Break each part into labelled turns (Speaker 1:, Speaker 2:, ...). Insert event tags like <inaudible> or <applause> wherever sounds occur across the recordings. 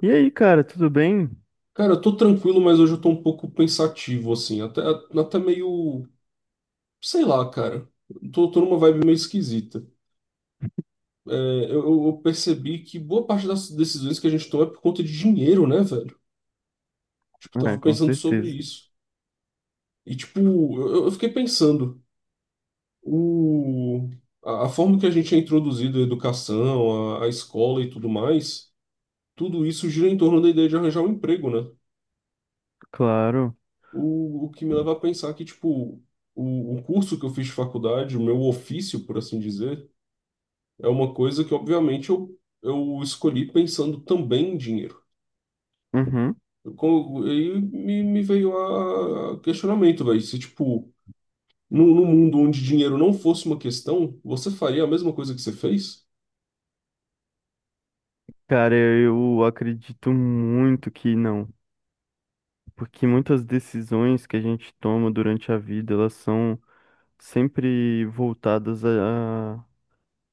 Speaker 1: E aí, cara, tudo bem?
Speaker 2: Cara, eu tô tranquilo, mas hoje eu tô um pouco pensativo, assim, até meio, sei lá, cara. Tô numa vibe meio esquisita. É, eu percebi que boa parte das decisões que a gente toma é por conta de dinheiro, né, velho? Tipo, eu
Speaker 1: Ah,
Speaker 2: tava
Speaker 1: com
Speaker 2: pensando sobre
Speaker 1: certeza.
Speaker 2: isso. E, tipo, eu fiquei pensando, o, a forma que a gente é introduzido à educação, à escola e tudo mais, tudo isso gira em torno da ideia de arranjar um emprego, né?
Speaker 1: Claro.
Speaker 2: O que me leva a pensar que, tipo, o curso que eu fiz de faculdade, o meu ofício, por assim dizer, é uma coisa que, obviamente, eu escolhi pensando também em dinheiro.
Speaker 1: Uhum.
Speaker 2: E me veio a questionamento, velho, se, tipo, no mundo onde dinheiro não fosse uma questão, você faria a mesma coisa que você fez?
Speaker 1: Cara, eu acredito muito que não, porque muitas decisões que a gente toma durante a vida, elas são sempre voltadas a...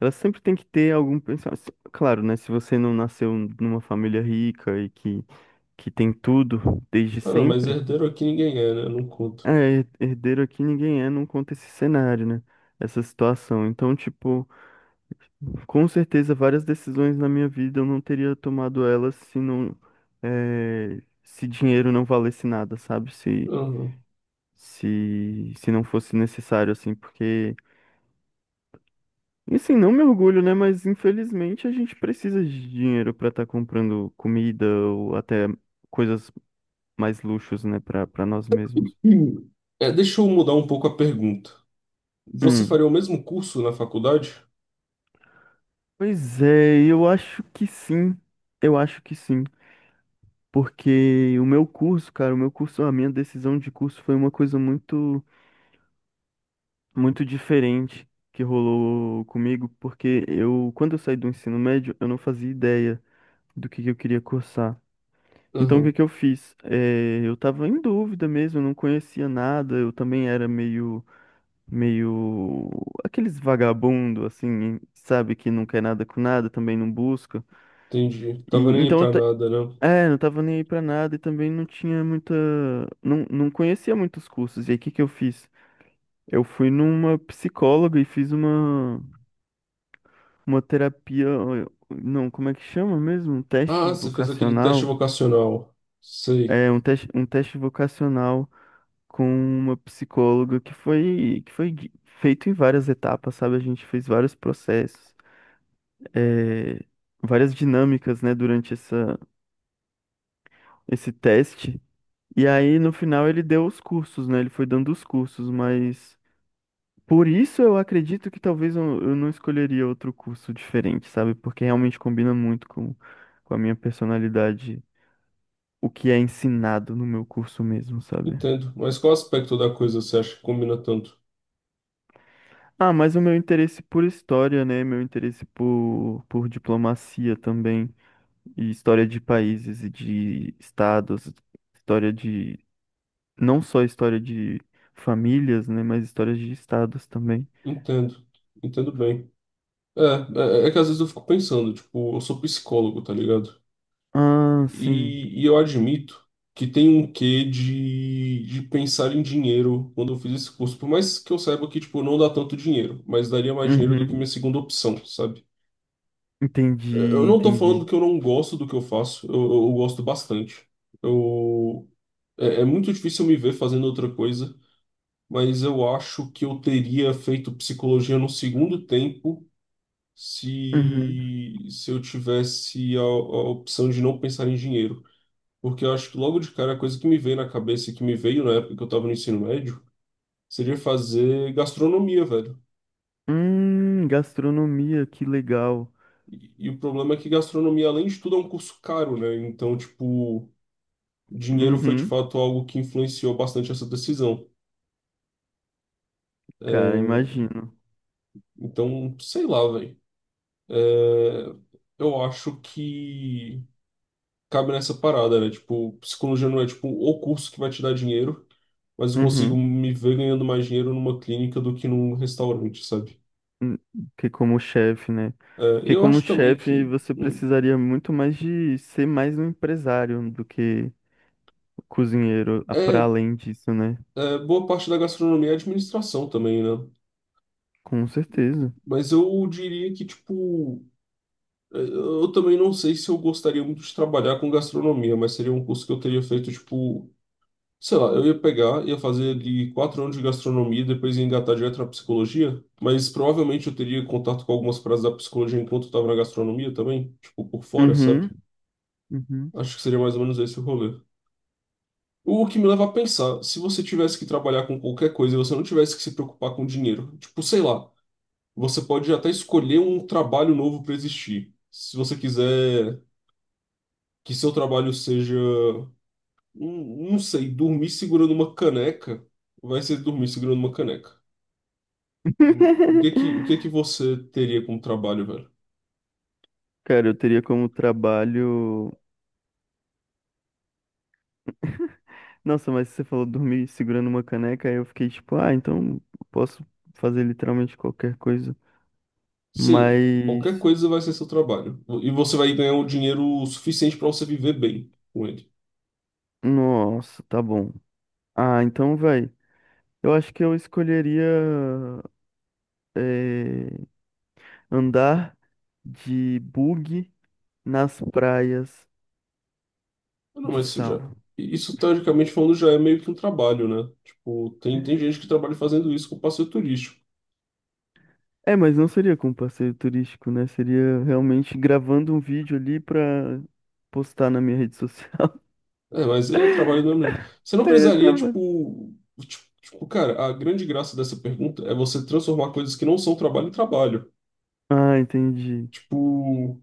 Speaker 1: Elas sempre têm que ter algum pensamento. Claro, né? Se você não nasceu numa família rica que tem tudo desde
Speaker 2: Ah, não, mas
Speaker 1: sempre,
Speaker 2: herdeiro aqui ninguém é, né? Não conta.
Speaker 1: é, herdeiro aqui ninguém é, não conta esse cenário, né? Essa situação. Então, tipo. Com certeza, várias decisões na minha vida eu não teria tomado elas se não, se dinheiro não valesse nada, sabe?
Speaker 2: Aham.
Speaker 1: Se não fosse necessário, assim, porque, assim, não me orgulho, né? Mas infelizmente a gente precisa de dinheiro para estar comprando comida ou até coisas mais luxos, né, para nós mesmos.
Speaker 2: Hum. É, deixa eu mudar um pouco a pergunta. Você
Speaker 1: Hum.
Speaker 2: faria o mesmo curso na faculdade?
Speaker 1: Pois é, eu acho que sim. Eu acho que sim. Porque o meu curso, cara, o meu curso, a minha decisão de curso foi uma coisa muito diferente que rolou comigo, porque eu, quando eu saí do ensino médio, eu não fazia ideia do que eu queria cursar. Então, o que
Speaker 2: Aham,
Speaker 1: que eu fiz? Eu estava em dúvida mesmo, eu não conhecia nada, eu também era meio aqueles vagabundo, assim, sabe, que não quer nada com nada, também não busca.
Speaker 2: entendi.
Speaker 1: E
Speaker 2: Tava nem aí pra nada, né?
Speaker 1: é, não tava nem aí pra nada e também não tinha muita. Não conhecia muitos cursos. E aí, o que que eu fiz? Eu fui numa psicóloga e fiz uma. Uma terapia, ó, não, como é que chama mesmo? Um
Speaker 2: Ah,
Speaker 1: teste
Speaker 2: você fez aquele teste
Speaker 1: vocacional.
Speaker 2: vocacional. Sei.
Speaker 1: É, um teste vocacional com uma psicóloga feito em várias etapas, sabe? A gente fez vários processos, é, várias dinâmicas, né, durante esse teste. E aí, no final, ele deu os cursos, né? Ele foi dando os cursos, mas por isso eu acredito que talvez eu não escolheria outro curso diferente, sabe? Porque realmente combina muito com a minha personalidade o que é ensinado no meu curso mesmo, sabe?
Speaker 2: Entendo. Mas qual aspecto da coisa você acha que combina tanto?
Speaker 1: Ah, mas o meu interesse por história, né? Meu interesse por diplomacia também, e história de países e de estados, história de, não só história de famílias, né? Mas histórias de estados também.
Speaker 2: Entendo. Entendo bem. É, é que às vezes eu fico pensando, tipo, eu sou psicólogo, tá ligado?
Speaker 1: Ah, sim.
Speaker 2: E eu admito que tem um quê de pensar em dinheiro quando eu fiz esse curso. Por mais que eu saiba que, tipo, não dá tanto dinheiro, mas daria mais dinheiro do que minha
Speaker 1: Uhum.
Speaker 2: segunda opção, sabe?
Speaker 1: Entendi,
Speaker 2: Eu não tô falando
Speaker 1: entendi.
Speaker 2: que eu não gosto do que eu faço, eu gosto bastante. Eu, é muito difícil me ver fazendo outra coisa, mas eu acho que eu teria feito psicologia no segundo tempo
Speaker 1: Uhum.
Speaker 2: se eu tivesse a opção de não pensar em dinheiro. Porque eu acho que logo de cara a coisa que me veio na cabeça, e que me veio na época que eu estava no ensino médio, seria fazer gastronomia, velho.
Speaker 1: Gastronomia, que legal.
Speaker 2: E o problema é que gastronomia, além de tudo, é um curso caro, né? Então, tipo, dinheiro foi de
Speaker 1: Uhum.
Speaker 2: fato algo que influenciou bastante essa decisão.
Speaker 1: Cara,
Speaker 2: É,
Speaker 1: imagino.
Speaker 2: então, sei lá, velho. É, eu acho que cabe nessa parada, né? Tipo, psicologia não é tipo o curso que vai te dar dinheiro, mas eu consigo
Speaker 1: Uhum.
Speaker 2: me ver ganhando mais dinheiro numa clínica do que num restaurante, sabe?
Speaker 1: Hum, que como chefe, né?
Speaker 2: É, e
Speaker 1: Porque
Speaker 2: eu
Speaker 1: como
Speaker 2: acho também
Speaker 1: chefe
Speaker 2: que
Speaker 1: você
Speaker 2: hum,
Speaker 1: precisaria muito mais de ser mais um empresário do que cozinheiro, para
Speaker 2: é,
Speaker 1: além disso, né?
Speaker 2: boa parte da gastronomia é administração também, né?
Speaker 1: Com certeza.
Speaker 2: Mas eu diria que, tipo, eu também não sei se eu gostaria muito de trabalhar com gastronomia, mas seria um curso que eu teria feito, tipo. Sei lá, eu ia pegar, ia fazer ali 4 anos de gastronomia, depois ia engatar direto na psicologia, mas provavelmente eu teria contato com algumas praças da psicologia enquanto eu tava na gastronomia também, tipo, por fora,
Speaker 1: Uhum,
Speaker 2: sabe?
Speaker 1: uhum.
Speaker 2: Acho que seria mais ou menos esse o rolê. O que me leva a pensar, se você tivesse que trabalhar com qualquer coisa e você não tivesse que se preocupar com dinheiro, tipo, sei lá, você pode até escolher um trabalho novo para existir. Se você quiser que seu trabalho seja, não sei, dormir segurando uma caneca, vai ser dormir segurando uma caneca. O que que, o que
Speaker 1: <laughs>
Speaker 2: que você teria como trabalho, velho?
Speaker 1: Cara, eu teria como trabalho. Nossa, mas você falou dormir segurando uma caneca, aí eu fiquei tipo, ah, então posso fazer literalmente qualquer coisa.
Speaker 2: Sim, qualquer
Speaker 1: Mas,
Speaker 2: coisa vai ser seu trabalho. E você vai ganhar um dinheiro suficiente para você viver bem com ele.
Speaker 1: nossa, tá bom. Ah, então vai. Eu acho que eu escolheria. eh, Andar de bug nas praias
Speaker 2: Ah, não,
Speaker 1: de
Speaker 2: mas isso já.
Speaker 1: sal.
Speaker 2: Isso, teoricamente falando, já é meio que um trabalho, né? Tipo, tem gente que trabalha fazendo isso com passeio turístico.
Speaker 1: É, mas não seria com passeio turístico, né? Seria realmente gravando um vídeo ali pra postar na minha rede social.
Speaker 2: É, mas aí é trabalho do mesmo jeito. Você
Speaker 1: <laughs>
Speaker 2: não
Speaker 1: Aí é
Speaker 2: precisaria,
Speaker 1: trabalho.
Speaker 2: tipo. Tipo, cara, a grande graça dessa pergunta é você transformar coisas que não são trabalho em trabalho.
Speaker 1: Ah, entendi.
Speaker 2: Tipo.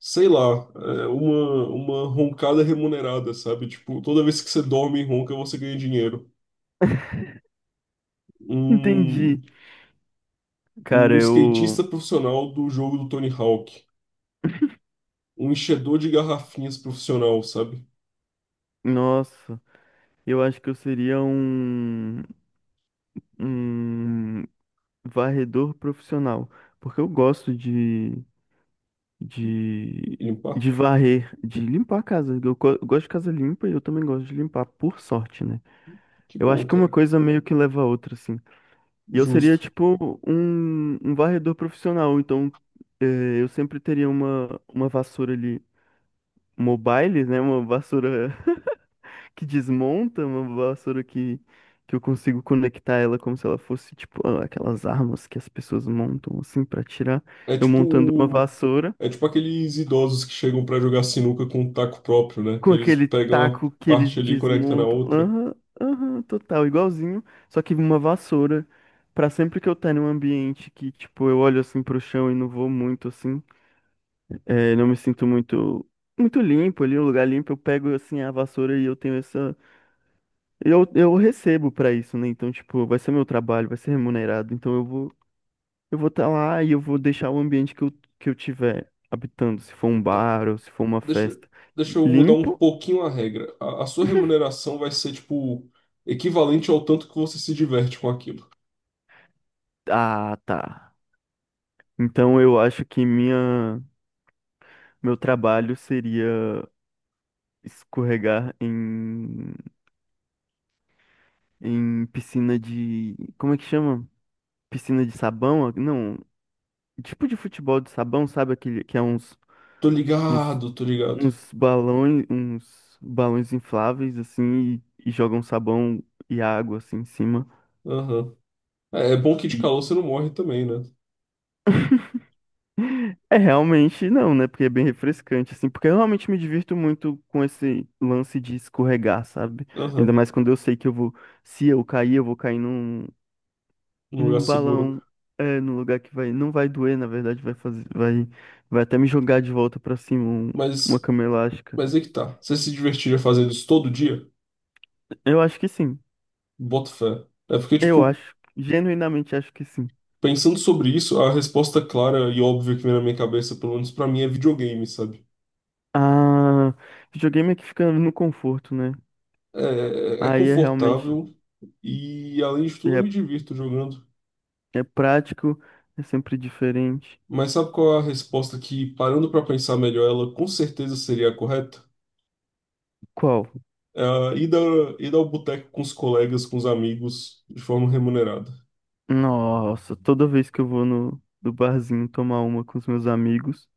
Speaker 2: Sei lá, uma roncada remunerada, sabe? Tipo, toda vez que você dorme e ronca, você ganha dinheiro.
Speaker 1: Entendi.
Speaker 2: Um,
Speaker 1: Cara,
Speaker 2: um
Speaker 1: eu.
Speaker 2: skatista profissional do jogo do Tony Hawk. Um enchedor de garrafinhas profissional, sabe?
Speaker 1: Nossa, eu acho que eu seria um. Um varredor profissional. Porque eu gosto de. De,
Speaker 2: Limpar?
Speaker 1: de varrer, de limpar a casa. Eu gosto de casa limpa e eu também gosto de limpar, por sorte, né?
Speaker 2: Que
Speaker 1: Eu acho
Speaker 2: bom,
Speaker 1: que uma
Speaker 2: cara.
Speaker 1: coisa meio que leva a outra, assim. E eu seria,
Speaker 2: Justo.
Speaker 1: tipo, um varredor profissional, então eu sempre teria uma vassoura ali mobile, né? Uma vassoura <laughs> que desmonta, uma vassoura que. Que eu consigo conectar ela como se ela fosse, tipo, aquelas armas que as pessoas montam, assim, pra tirar.
Speaker 2: É
Speaker 1: Eu montando uma
Speaker 2: tipo.
Speaker 1: vassoura.
Speaker 2: É tipo aqueles idosos que chegam pra jogar sinuca com um taco próprio, né? Que
Speaker 1: Com
Speaker 2: eles
Speaker 1: aquele
Speaker 2: pegam uma
Speaker 1: taco que eles
Speaker 2: parte ali e conectam na
Speaker 1: desmontam.
Speaker 2: outra.
Speaker 1: Aham, aham, total, igualzinho. Só que uma vassoura. Pra sempre que eu tá num ambiente que, tipo, eu olho assim pro chão e não vou muito assim. É, não me sinto muito. Muito limpo ali, um lugar limpo, eu pego assim a vassoura e eu tenho essa. Eu recebo pra isso, né? Então, tipo, vai ser meu trabalho, vai ser remunerado. Então eu vou estar lá e eu vou deixar o ambiente que eu tiver habitando, se for um bar ou se for uma
Speaker 2: Deixa, eu-
Speaker 1: festa,
Speaker 2: Deixa eu mudar um
Speaker 1: limpo.
Speaker 2: pouquinho a regra. A sua remuneração vai ser, tipo, equivalente ao tanto que você se diverte com aquilo.
Speaker 1: Ah, tá. Então eu acho que minha, meu trabalho seria escorregar em piscina de. Como é que chama? Piscina de sabão? Não, tipo de futebol de sabão, sabe? Aquele que é
Speaker 2: Tô
Speaker 1: uns,
Speaker 2: ligado, tô ligado.
Speaker 1: uns balões infláveis assim e jogam sabão e água assim em cima.
Speaker 2: Aham. É bom que de calor você não morre também, né?
Speaker 1: É, realmente não, né? Porque é bem refrescante, assim. Porque eu realmente me divirto muito com esse lance de escorregar, sabe? Ainda
Speaker 2: Aham.
Speaker 1: mais quando eu sei que eu vou. Se eu cair, eu vou cair num,
Speaker 2: Num lugar
Speaker 1: num
Speaker 2: seguro.
Speaker 1: balão. É, num lugar que vai. Não vai doer, na verdade, vai fazer. Vai até me jogar de volta pra cima uma
Speaker 2: Mas,
Speaker 1: cama elástica.
Speaker 2: mas é que tá. Você se divertiria fazendo isso todo dia?
Speaker 1: Eu acho que sim.
Speaker 2: Boto fé. É porque,
Speaker 1: Eu
Speaker 2: tipo,
Speaker 1: acho. Genuinamente acho que sim.
Speaker 2: pensando sobre isso, a resposta clara e óbvia que vem na minha cabeça, pelo menos pra mim, é videogame, sabe?
Speaker 1: Ah, videogame é que fica no conforto, né?
Speaker 2: É, é
Speaker 1: Aí é realmente.
Speaker 2: confortável e, além de tudo, eu
Speaker 1: É,
Speaker 2: me divirto jogando.
Speaker 1: é prático, é sempre diferente.
Speaker 2: Mas sabe qual é a resposta que, parando para pensar melhor, ela com certeza seria a correta?
Speaker 1: Qual?
Speaker 2: É a ida ao boteco com os colegas, com os amigos, de forma remunerada.
Speaker 1: Nossa, toda vez que eu vou no barzinho tomar uma com os meus amigos,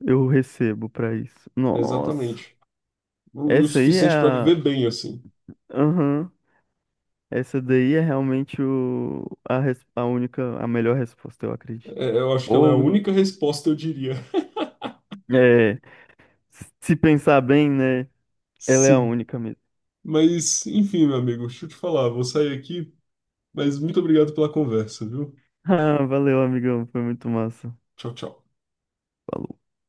Speaker 1: eu recebo pra isso. Nossa,
Speaker 2: Exatamente. E o
Speaker 1: essa aí é
Speaker 2: suficiente para viver
Speaker 1: a.
Speaker 2: bem, assim.
Speaker 1: Aham, essa daí é realmente a única, a melhor resposta, eu acredito.
Speaker 2: É, eu acho que ela é a
Speaker 1: Ou,
Speaker 2: única resposta, eu diria.
Speaker 1: é, se pensar bem, né?
Speaker 2: <laughs>
Speaker 1: Ela é a
Speaker 2: Sim.
Speaker 1: única mesmo.
Speaker 2: Mas, enfim, meu amigo, deixa eu te falar, vou sair aqui, mas muito obrigado pela conversa, viu?
Speaker 1: Ah, valeu, amigão, foi muito massa.
Speaker 2: Tchau, tchau.
Speaker 1: Falou.